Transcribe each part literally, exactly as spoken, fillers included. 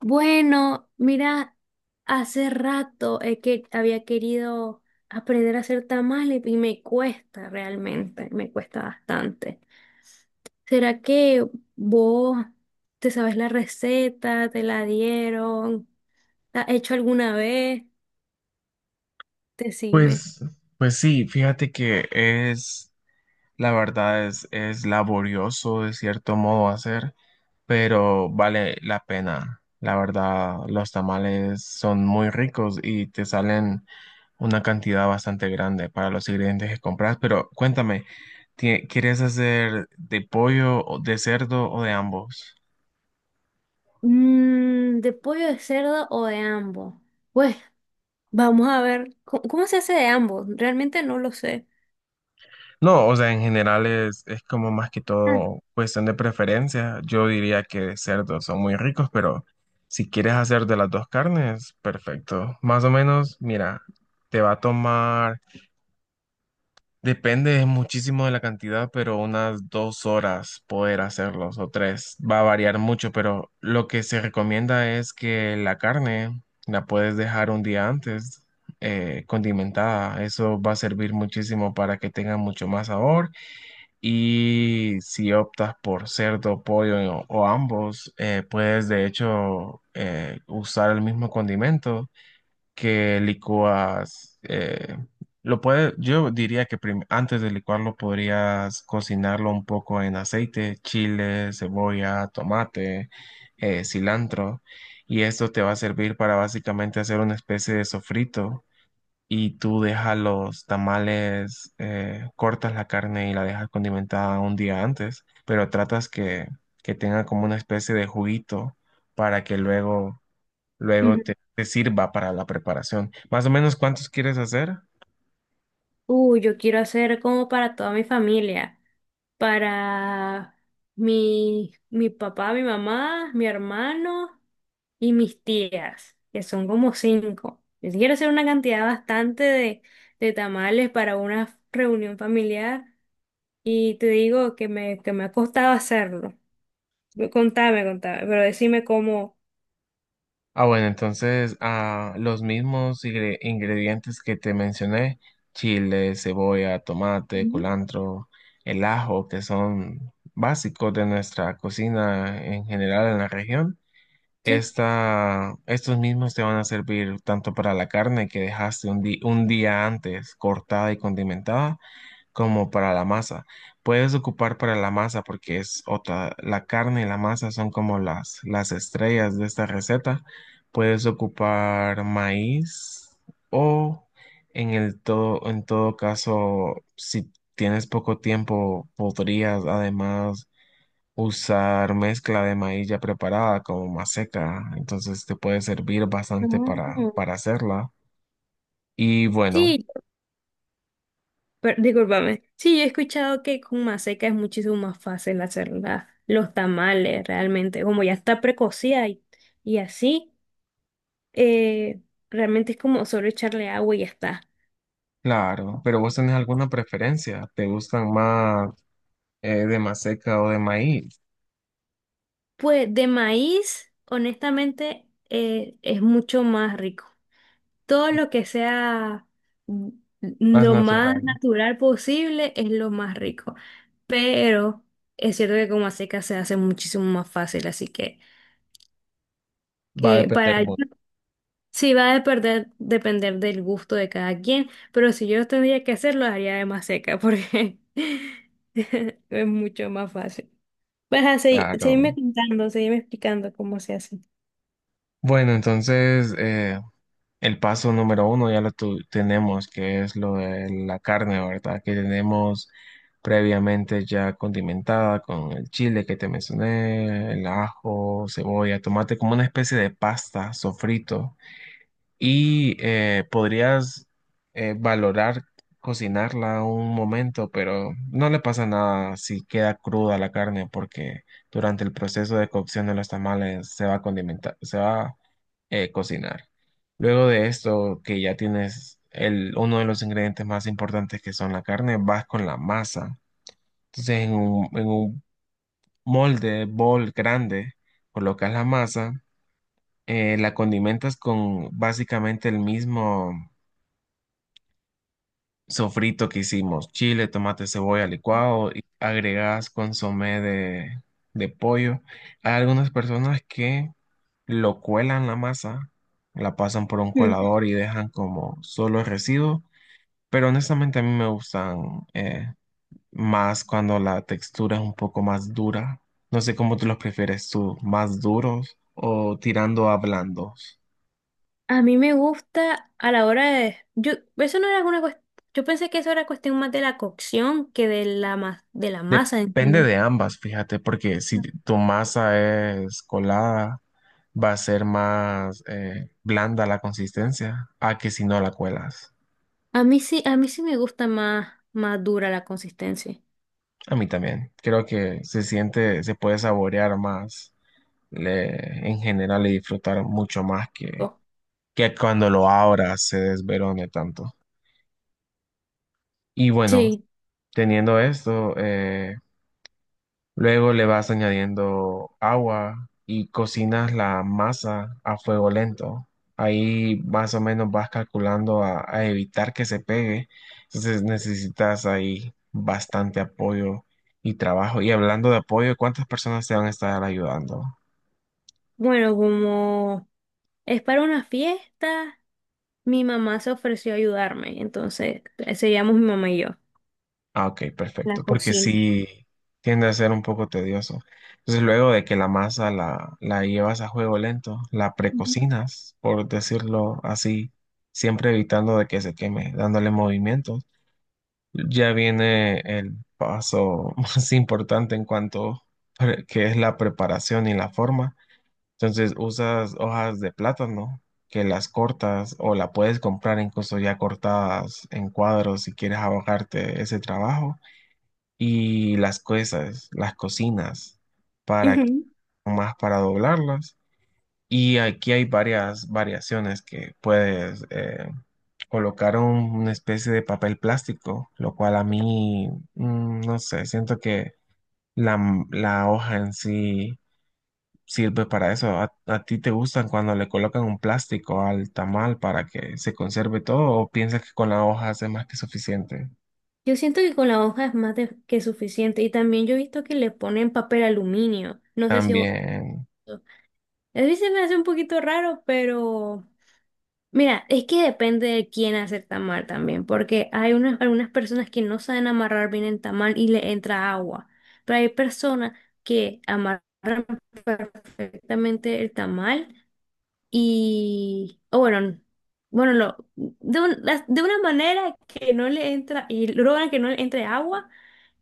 Bueno, mira, hace rato eh, que había querido aprender a hacer tamales y me cuesta realmente, me cuesta bastante. ¿Será que vos te sabes la receta, te la dieron, la has hecho alguna vez? Decime. Pues, pues sí, fíjate que es, la verdad es, es laborioso de cierto modo hacer, pero vale la pena. La verdad, los tamales son muy ricos y te salen una cantidad bastante grande para los ingredientes que compras. Pero cuéntame, ¿tie- ¿quieres hacer de pollo, o de cerdo o de ambos? Mm, ¿de pollo, de cerdo o de ambos? Pues vamos a ver, ¿cómo, cómo se hace de ambos? Realmente no lo sé. No, o sea, en general es, es como más que Ah. todo cuestión de preferencia. Yo diría que de cerdo son muy ricos, pero si quieres hacer de las dos carnes, perfecto. Más o menos, mira, te va a tomar, depende muchísimo de la cantidad, pero unas dos horas poder hacerlos o tres. Va a variar mucho, pero lo que se recomienda es que la carne la puedes dejar un día antes, eh, condimentada. Eso va a servir muchísimo para que tenga mucho más sabor y si optas por cerdo, pollo o, o ambos, eh, puedes de hecho eh, usar el mismo condimento que licúas. Eh, lo puedes. Yo diría que prim- antes de licuarlo podrías cocinarlo un poco en aceite, chile, cebolla, tomate, eh, cilantro. Y esto te va a servir para básicamente hacer una especie de sofrito y tú dejas los tamales, eh, cortas la carne y la dejas condimentada un día antes, pero tratas que, que tenga como una especie de juguito para que luego, luego te, te sirva para la preparación. Más o menos, ¿cuántos quieres hacer? Uh, yo quiero hacer como para toda mi familia, para mi, mi papá, mi mamá, mi hermano y mis tías, que son como cinco. Yo sí quiero hacer una cantidad bastante de, de tamales para una reunión familiar y te digo que me, que me ha costado hacerlo. Contame, contame, pero decime cómo. Ah, bueno, entonces ah, los mismos ingre- ingredientes que te mencioné, chile, cebolla, tomate, Ujú. culantro, el ajo, que son básicos de nuestra cocina en general en la región. Sí. Esta, estos mismos te van a servir tanto para la carne que dejaste un, di- un día antes cortada y condimentada, como para la masa. Puedes ocupar para la masa porque es otra, la carne y la masa son como las, las estrellas de esta receta. Puedes ocupar maíz o en el todo, en todo caso, si tienes poco tiempo, podrías además usar mezcla de maíz ya preparada como maseca, entonces te puede servir bastante para, Ah. para hacerla. Y bueno, Sí. Pero, discúlpame. Sí, yo he escuchado que con maseca es muchísimo más fácil hacer la- los tamales, realmente. Como ya está precocida y, y así, eh, realmente es como solo echarle agua y ya está. claro, pero vos tenés alguna preferencia, ¿te gustan más eh, de maseca o de maíz? Pues de maíz, honestamente, eh, es mucho más rico. Todo lo que sea, mm, Más lo más natural, natural posible es lo más rico. Pero es cierto que con maseca se hace muchísimo más fácil, así que, va a que depender para... mucho, Sí, va a depender, depender del gusto de cada quien, pero si yo tendría que hacerlo, haría de más seca porque es mucho más fácil. Pues así, seguirme claro. contando, seguirme explicando cómo se hace. Bueno, entonces, eh, el paso número uno ya lo tu- tenemos, que es lo de la carne, ¿verdad? Que tenemos previamente ya condimentada con el chile que te mencioné, el ajo, cebolla, tomate, como una especie de pasta, sofrito. Y eh, podrías eh, valorar cocinarla un momento, pero no le pasa nada si queda cruda la carne, porque durante el proceso de cocción de los tamales se va a condimentar, se va eh, cocinar. Luego de esto, que ya tienes el, uno de los ingredientes más importantes que son la carne, vas con la masa. Entonces, en un, en un molde, bol grande, colocas la masa, eh, la condimentas con básicamente el mismo sofrito que hicimos, chile, tomate, cebolla, licuado, y agregas consomé de, de pollo. Hay algunas personas que lo cuelan la masa, la pasan por un Mm. colador y dejan como solo el residuo, pero honestamente a mí me gustan eh, más cuando la textura es un poco más dura. No sé cómo tú los prefieres tú, más duros o tirando a blandos. A mí me gusta a la hora de... Yo, eso no era una cuestión... Yo pensé que eso era cuestión más de la cocción que de la, ma- de la masa en Depende general. de ambas, fíjate, porque si tu masa es colada, va a ser más eh, blanda la consistencia a que si no la cuelas. A mí sí, a mí sí me gusta más, más dura la consistencia. A mí también. Creo que se siente, se puede saborear más le- en general y disfrutar mucho más que, Oh. que cuando lo abras se desverone tanto. Y bueno, Sí, teniendo esto, eh, luego le vas añadiendo agua y cocinas la masa a fuego lento. Ahí más o menos vas calculando a, a evitar que se pegue. Entonces necesitas ahí bastante apoyo y trabajo. Y hablando de apoyo, ¿cuántas personas te van a estar ayudando? bueno, como es para una fiesta. Mi mamá se ofreció a ayudarme, entonces eh, seríamos mi mamá y yo. Ah, ok, La perfecto, porque cocina. sí tiende a ser un poco tedioso. Entonces, luego de que la masa la, la llevas a juego lento, la Ujú. precocinas, por decirlo así, siempre evitando de que se queme, dándole movimientos. Ya viene el paso más importante en cuanto pre- que es la preparación y la forma. Entonces, usas hojas de plátano que las cortas o la puedes comprar incluso ya cortadas en cuadros si quieres abogarte ese trabajo y las cosas, las cocinas, para que- Ujú. más para doblarlas. Y aquí hay varias variaciones que puedes eh, colocar un- una especie de papel plástico, lo cual a mí, mm, no sé, siento que la, m- la hoja en sí sirve para eso. ¿A, a ti te gustan cuando le colocan un plástico al tamal para que se conserve todo o piensas que con la hoja es más que suficiente? Yo siento que con la hoja es más de- que suficiente, y también yo he visto que le ponen papel aluminio. No sé si... vos... También. A mí se me hace un poquito raro, pero mira, es que depende de quién hace el tamal también, porque hay unas, algunas personas que no saben amarrar bien el tamal y le entra agua, pero hay personas que amarran perfectamente el tamal. Y, o bueno, bueno, lo, de, un- De una manera que no le entra, y logran que no le entre agua,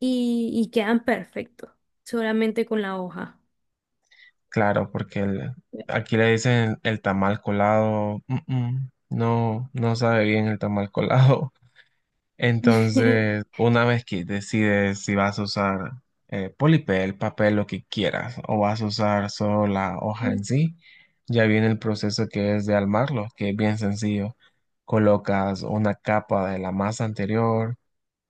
y, y quedan perfectos, solamente con la hoja. Claro, porque el- aquí le dicen el tamal colado. Mm, mm, no, no sabe bien el tamal colado. Entonces, una vez que decides si vas a usar eh, polipel, papel, lo que quieras, o vas a usar solo la hoja en sí, ya viene el proceso que es de armarlo, que es bien sencillo. Colocas una capa de la masa anterior.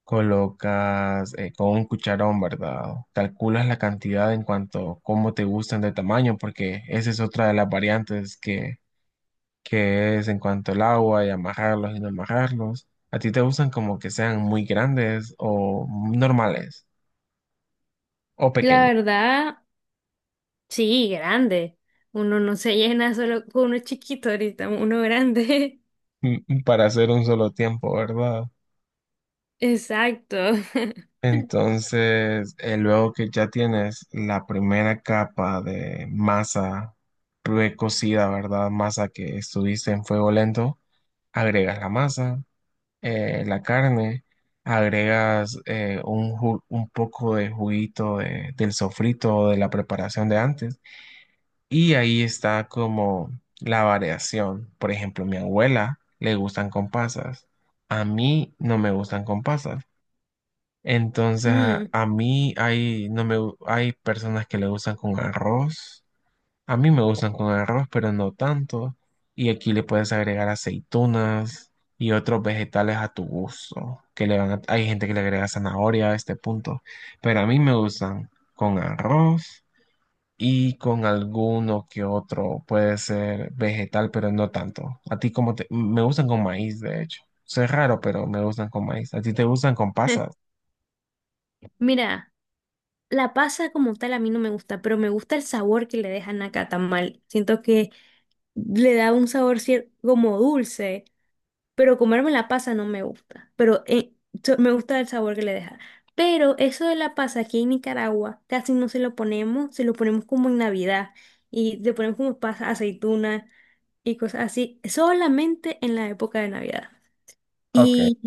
Colocas eh, con un cucharón, ¿verdad? Calculas la cantidad en cuanto cómo te gustan de tamaño, porque esa es otra de las variantes que, que es en cuanto al agua y amajarlos y no amajarlos. ¿A ti te gustan como que sean muy grandes o normales o La pequeños verdad, sí, grande. Uno no se llena solo con uno chiquito; ahorita, uno grande. para hacer un solo tiempo, ¿verdad? Exacto. Entonces, eh, luego que ya tienes la primera capa de masa precocida, ¿verdad? Masa que estuviste en fuego lento. Agregas la masa, eh, la carne, agregas eh, un, ju- un poco de juguito de- del sofrito o de la preparación de antes y ahí está como la variación. Por ejemplo, mi abuela le gustan con pasas, a mí no me gustan con pasas. Entonces, a Mm. a mí hay, no me, gu- hay personas que le gustan con arroz. A mí me gustan con arroz, pero no tanto. Y aquí le puedes agregar aceitunas y otros vegetales a tu gusto. Que le van a... hay gente que le agrega zanahoria a este punto. Pero a mí me gustan con arroz y con alguno que otro. Puede ser vegetal, pero no tanto. A ti como te... Me gustan con maíz, de hecho. Eso es raro, pero me gustan con maíz. A ti te gustan con pasas. Mira, la pasa como tal a mí no me gusta, pero me gusta el sabor que le dejan a cada tamal. Siento que le da un sabor cier- como dulce, pero comerme la pasa no me gusta, pero eh, so- me gusta el sabor que le deja. Pero eso de la pasa, aquí en Nicaragua casi no se lo ponemos; se lo ponemos como en Navidad, y le ponemos como pasa, aceituna y cosas así, solamente en la época de Navidad. Ok, Y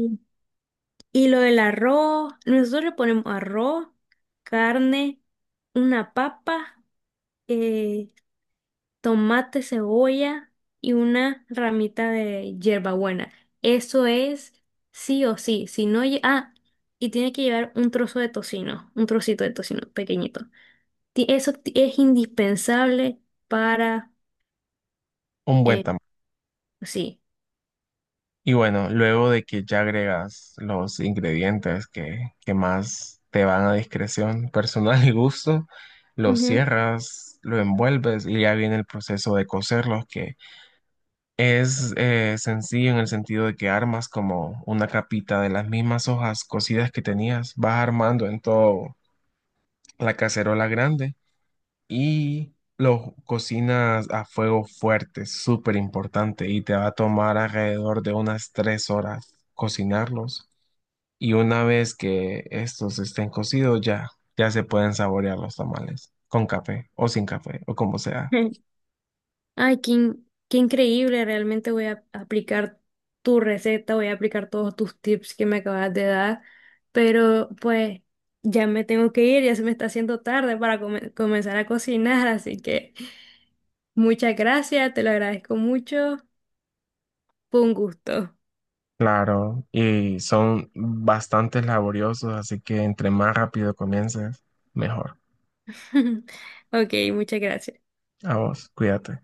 y lo del arroz, nosotros le ponemos arroz, carne, una papa, eh, tomate, cebolla y una ramita de hierbabuena. Eso es sí o sí. Si no, lle- ah, y tiene que llevar un trozo de tocino, un trocito de tocino pequeñito. Ti- Eso ti- es indispensable para, un buen eh, tamaño. sí. Y bueno, luego de que ya agregas los ingredientes que, que más te van a discreción personal y gusto, lo Ujú. cierras, lo envuelves y ya viene el proceso de cocerlos, que es eh, sencillo en el sentido de que armas como una capita de las mismas hojas cocidas que tenías, vas armando en todo la cacerola grande y lo cocinas a fuego fuerte, súper importante, y te va a tomar alrededor de unas tres horas cocinarlos. Y una vez que estos estén cocidos, ya, ya se pueden saborear los tamales, con café o sin café o como sea. Ay, qué, in- qué increíble, realmente voy a aplicar tu receta, voy a aplicar todos tus tips que me acabas de dar, pero pues ya me tengo que ir, ya se me está haciendo tarde para come- comenzar a cocinar, así que muchas gracias, te lo agradezco mucho, fue un gusto. Claro, y son bastante laboriosos, así que entre más rápido comiences, mejor. Ok, muchas gracias. A vos, cuídate.